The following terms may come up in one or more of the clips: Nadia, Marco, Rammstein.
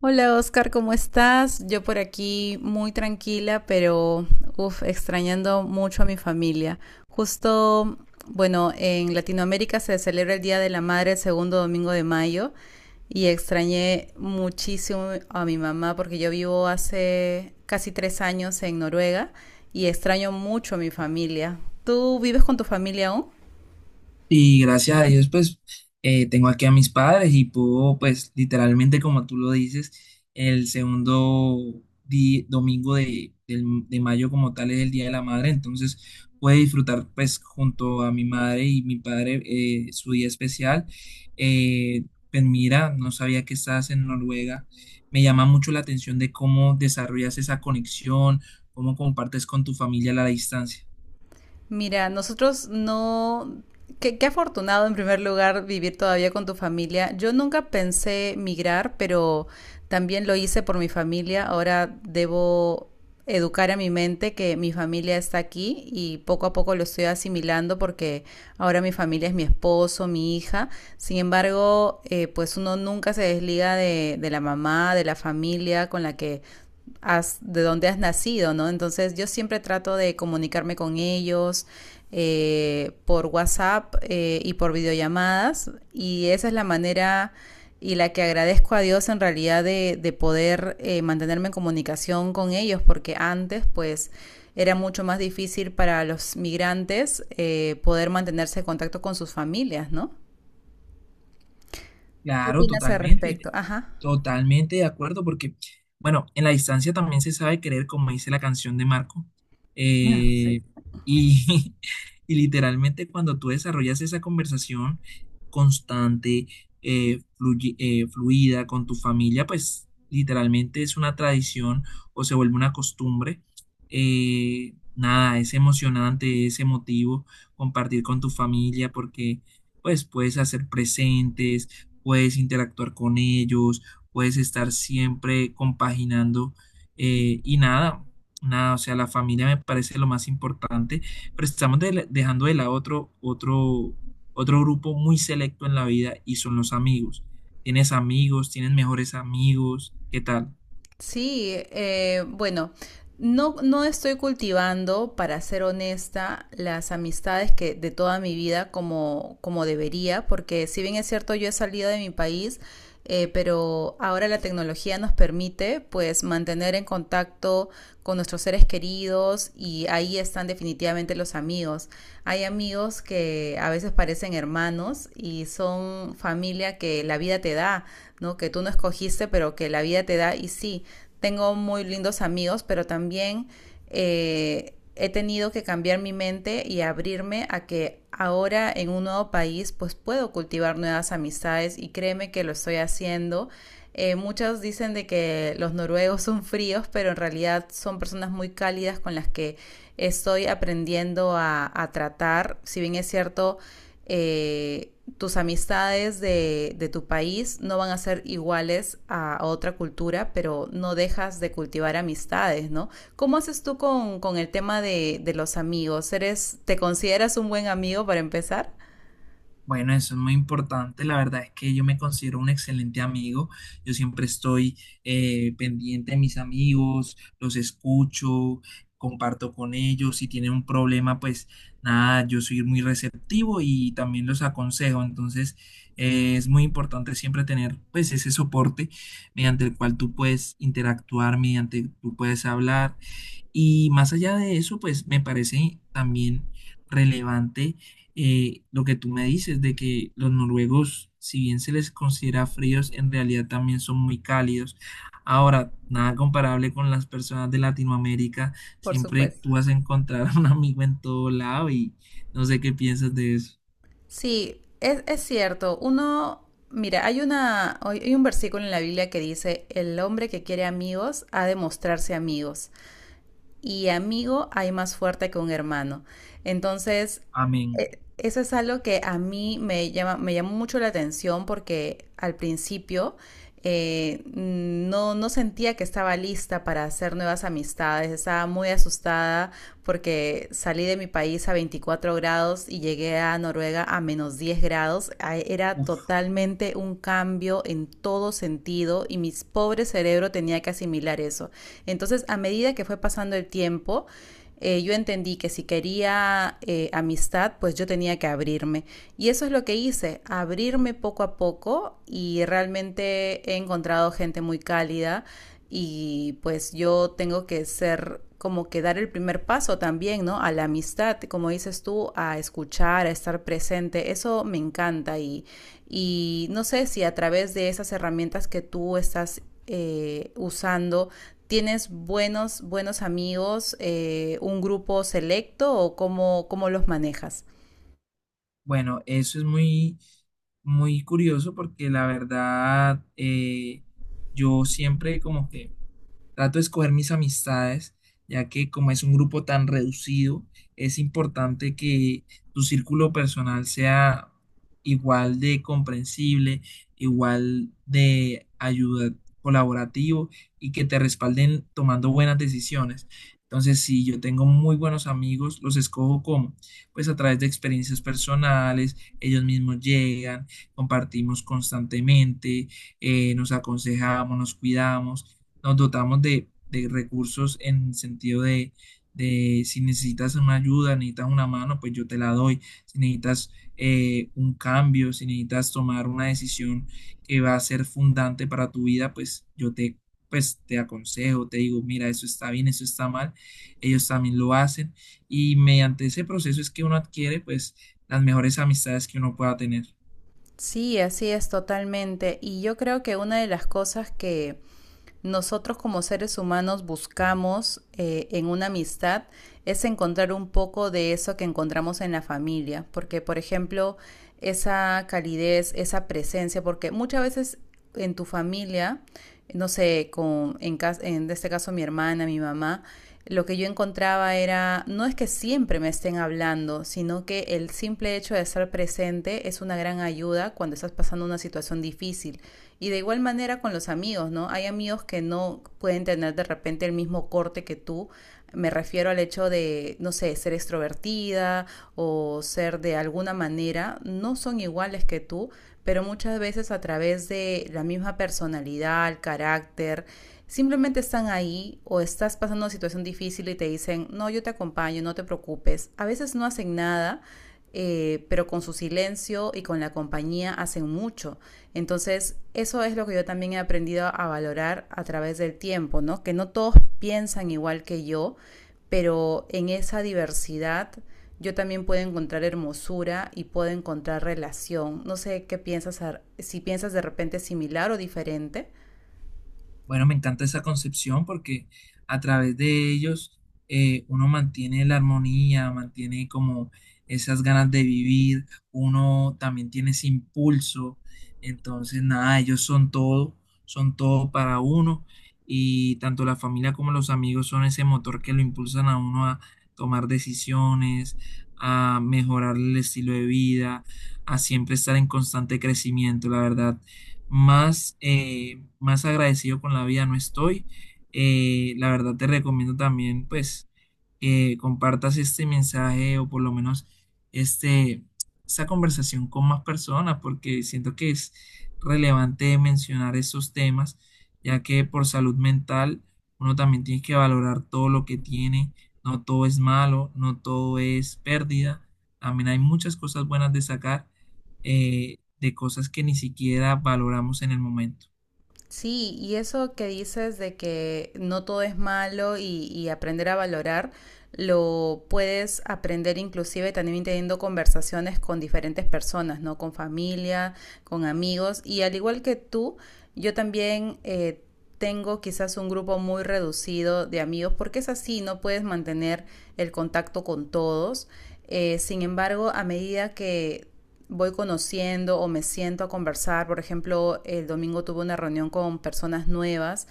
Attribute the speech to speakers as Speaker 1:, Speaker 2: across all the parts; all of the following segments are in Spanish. Speaker 1: Hola Oscar, ¿cómo estás? Yo por aquí muy tranquila, pero uf, extrañando mucho a mi familia. Justo, bueno, en Latinoamérica se celebra el Día de la Madre el segundo domingo de mayo y extrañé muchísimo a mi mamá porque yo vivo hace casi tres años en Noruega y extraño mucho a mi familia. ¿Tú vives con tu familia aún?
Speaker 2: Y gracias a Dios, pues, tengo aquí a mis padres y puedo, pues, literalmente, como tú lo dices, el segundo domingo de mayo como tal es el Día de la Madre, entonces puedo disfrutar, pues, junto a mi madre y mi padre su día especial. Eh, pues mira, no sabía que estabas en Noruega. Me llama mucho la atención de cómo desarrollas esa conexión, cómo compartes con tu familia a la distancia.
Speaker 1: Mira, nosotros no... Qué, qué afortunado en primer lugar vivir todavía con tu familia. Yo nunca pensé migrar, pero también lo hice por mi familia. Ahora debo educar a mi mente que mi familia está aquí y poco a poco lo estoy asimilando porque ahora mi familia es mi esposo, mi hija. Sin embargo, pues uno nunca se desliga de la mamá, de la familia con la que has, de dónde has nacido, ¿no? Entonces yo siempre trato de comunicarme con ellos por WhatsApp, y por videollamadas, y esa es la manera y la que agradezco a Dios en realidad de poder, mantenerme en comunicación con ellos, porque antes pues era mucho más difícil para los migrantes, poder mantenerse en contacto con sus familias, ¿no? ¿Qué
Speaker 2: Claro,
Speaker 1: opinas al
Speaker 2: totalmente.
Speaker 1: respecto? Ajá.
Speaker 2: Totalmente de acuerdo, porque, bueno, en la distancia también se sabe querer, como dice la canción de Marco.
Speaker 1: Ah, sí.
Speaker 2: Eh, y y literalmente cuando tú desarrollas esa conversación constante, fluida con tu familia, pues literalmente es una tradición o se vuelve una costumbre. Nada, es emocionante, es emotivo compartir con tu familia porque, pues, puedes hacer presentes, puedes interactuar con ellos, puedes estar siempre compaginando, eh, y nada, nada, o sea, la familia me parece lo más importante, pero estamos dejando de lado otro grupo muy selecto en la vida y son los amigos. Tienes amigos, tienes mejores amigos, ¿qué tal?
Speaker 1: Sí, bueno, no, no estoy cultivando, para ser honesta, las amistades que de toda mi vida como debería, porque si bien es cierto, yo he salido de mi país, pero ahora la tecnología nos permite pues mantener en contacto con nuestros seres queridos, y ahí están definitivamente los amigos. Hay amigos que a veces parecen hermanos y son familia que la vida te da, ¿no? Que tú no escogiste, pero que la vida te da, y sí, tengo muy lindos amigos, pero también, he tenido que cambiar mi mente y abrirme a que ahora en un nuevo país pues puedo cultivar nuevas amistades, y créeme que lo estoy haciendo. Muchos dicen de que los noruegos son fríos, pero en realidad son personas muy cálidas con las que estoy aprendiendo a tratar. Si bien es cierto, eh, tus amistades tu país no van a ser iguales otra cultura, pero no dejas de cultivar amistades, ¿no? ¿Cómo haces tú con el tema los amigos? ¿Te consideras un buen amigo para empezar?
Speaker 2: Bueno, eso es muy importante. La verdad es que yo me considero un excelente amigo. Yo siempre estoy pendiente de mis amigos, los escucho, comparto con ellos. Si tienen un problema, pues nada, yo soy muy receptivo y también los aconsejo. Entonces, es muy importante siempre tener pues ese soporte mediante el cual tú puedes interactuar, mediante tú puedes hablar. Y más allá de eso, pues me parece también relevante lo que tú me dices de que los noruegos, si bien se les considera fríos, en realidad también son muy cálidos. Ahora, nada comparable con las personas de Latinoamérica,
Speaker 1: Por
Speaker 2: siempre
Speaker 1: supuesto.
Speaker 2: tú vas a encontrar a un amigo en todo lado y no sé qué piensas de eso.
Speaker 1: Sí, es cierto. Uno, mira, hay hay un versículo en la Biblia que dice, el hombre que quiere amigos ha de mostrarse amigos, y amigo hay más fuerte que un hermano. Entonces,
Speaker 2: Amén.
Speaker 1: eso es algo que a mí me me llamó mucho la atención, porque al principio, no, no sentía que estaba lista para hacer nuevas amistades, estaba muy asustada porque salí de mi país a 24 grados y llegué a Noruega a menos 10 grados. Era
Speaker 2: Uf.
Speaker 1: totalmente un cambio en todo sentido, y mi pobre cerebro tenía que asimilar eso. Entonces, a medida que fue pasando el tiempo, yo entendí que si quería, amistad, pues yo tenía que abrirme. Y eso es lo que hice, abrirme poco a poco, y realmente he encontrado gente muy cálida y pues yo tengo que ser como que dar el primer paso también, ¿no? A la amistad, como dices tú, a escuchar, a estar presente, eso me encanta, y no sé si a través de esas herramientas que tú estás, usando. ¿Tienes buenos amigos, un grupo selecto, o cómo los manejas?
Speaker 2: Bueno, eso es muy, muy curioso porque la verdad, yo siempre como que trato de escoger mis amistades, ya que como es un grupo tan reducido, es importante que tu círculo personal sea igual de comprensible, igual de ayuda, colaborativo y que te respalden tomando buenas decisiones. Entonces, si yo tengo muy buenos amigos, los escojo como, pues a través de experiencias personales, ellos mismos llegan, compartimos constantemente, nos aconsejamos, nos cuidamos, nos dotamos de recursos en sentido de, si necesitas una ayuda, necesitas una mano, pues yo te la doy. Si necesitas un cambio, si necesitas tomar una decisión que va a ser fundante para tu vida, pues yo te, pues, te aconsejo, te digo, mira, eso está bien, eso está mal. Ellos también lo hacen y mediante ese proceso es que uno adquiere, pues, las mejores amistades que uno pueda tener.
Speaker 1: Sí, así es totalmente. Y yo creo que una de las cosas que nosotros como seres humanos buscamos, en una amistad es encontrar un poco de eso que encontramos en la familia. Porque, por ejemplo, esa calidez, esa presencia, porque muchas veces en tu familia, no sé, en este caso mi hermana, mi mamá, lo que yo encontraba era, no es que siempre me estén hablando, sino que el simple hecho de estar presente es una gran ayuda cuando estás pasando una situación difícil. Y de igual manera con los amigos, ¿no? Hay amigos que no pueden tener de repente el mismo corte que tú. Me refiero al hecho de, no sé, ser extrovertida o ser de alguna manera, no son iguales que tú, pero muchas veces a través de la misma personalidad, el carácter, simplemente están ahí, o estás pasando una situación difícil y te dicen, no, yo te acompaño, no te preocupes. A veces no hacen nada, pero con su silencio y con la compañía hacen mucho. Entonces, eso es lo que yo también he aprendido a valorar a través del tiempo, ¿no? Que no todos piensan igual que yo, pero en esa diversidad yo también puedo encontrar hermosura y puedo encontrar relación. No sé qué piensas, si piensas de repente similar o diferente.
Speaker 2: Bueno, me encanta esa concepción porque a través de ellos uno mantiene la armonía, mantiene como esas ganas de vivir, uno también tiene ese impulso. Entonces, nada, ellos son todo para uno y tanto la familia como los amigos son ese motor que lo impulsan a uno a tomar decisiones, a mejorar el estilo de vida, a siempre estar en constante crecimiento. La verdad, más agradecido con la vida no estoy. La verdad, te recomiendo también, pues, que compartas este mensaje o por lo menos este, esta conversación con más personas, porque siento que es relevante mencionar esos temas, ya que por salud mental uno también tiene que valorar todo lo que tiene, no todo es malo, no todo es pérdida, también hay muchas cosas buenas de sacar, de cosas que ni siquiera valoramos en el momento.
Speaker 1: Sí, y eso que dices de que no todo es malo, y aprender a valorar, lo puedes aprender inclusive también teniendo conversaciones con diferentes personas, ¿no? Con familia, con amigos. Y al igual que tú, yo también, tengo quizás un grupo muy reducido de amigos, porque es así, no puedes mantener el contacto con todos. Sin embargo, a medida que voy conociendo o me siento a conversar, por ejemplo, el domingo tuve una reunión con personas nuevas,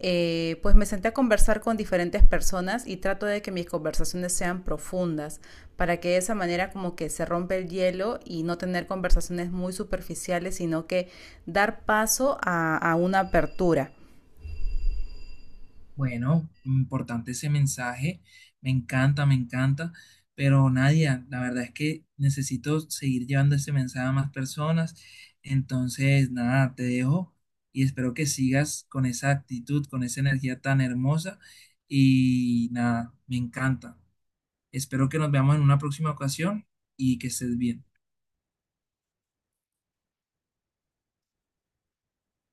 Speaker 1: pues me senté a conversar con diferentes personas, y trato de que mis conversaciones sean profundas para que de esa manera como que se rompe el hielo y no tener conversaciones muy superficiales, sino que dar paso a una apertura.
Speaker 2: Bueno, importante ese mensaje, me encanta, pero Nadia, la verdad es que necesito seguir llevando ese mensaje a más personas, entonces nada, te dejo y espero que sigas con esa actitud, con esa energía tan hermosa y nada, me encanta. Espero que nos veamos en una próxima ocasión y que estés bien.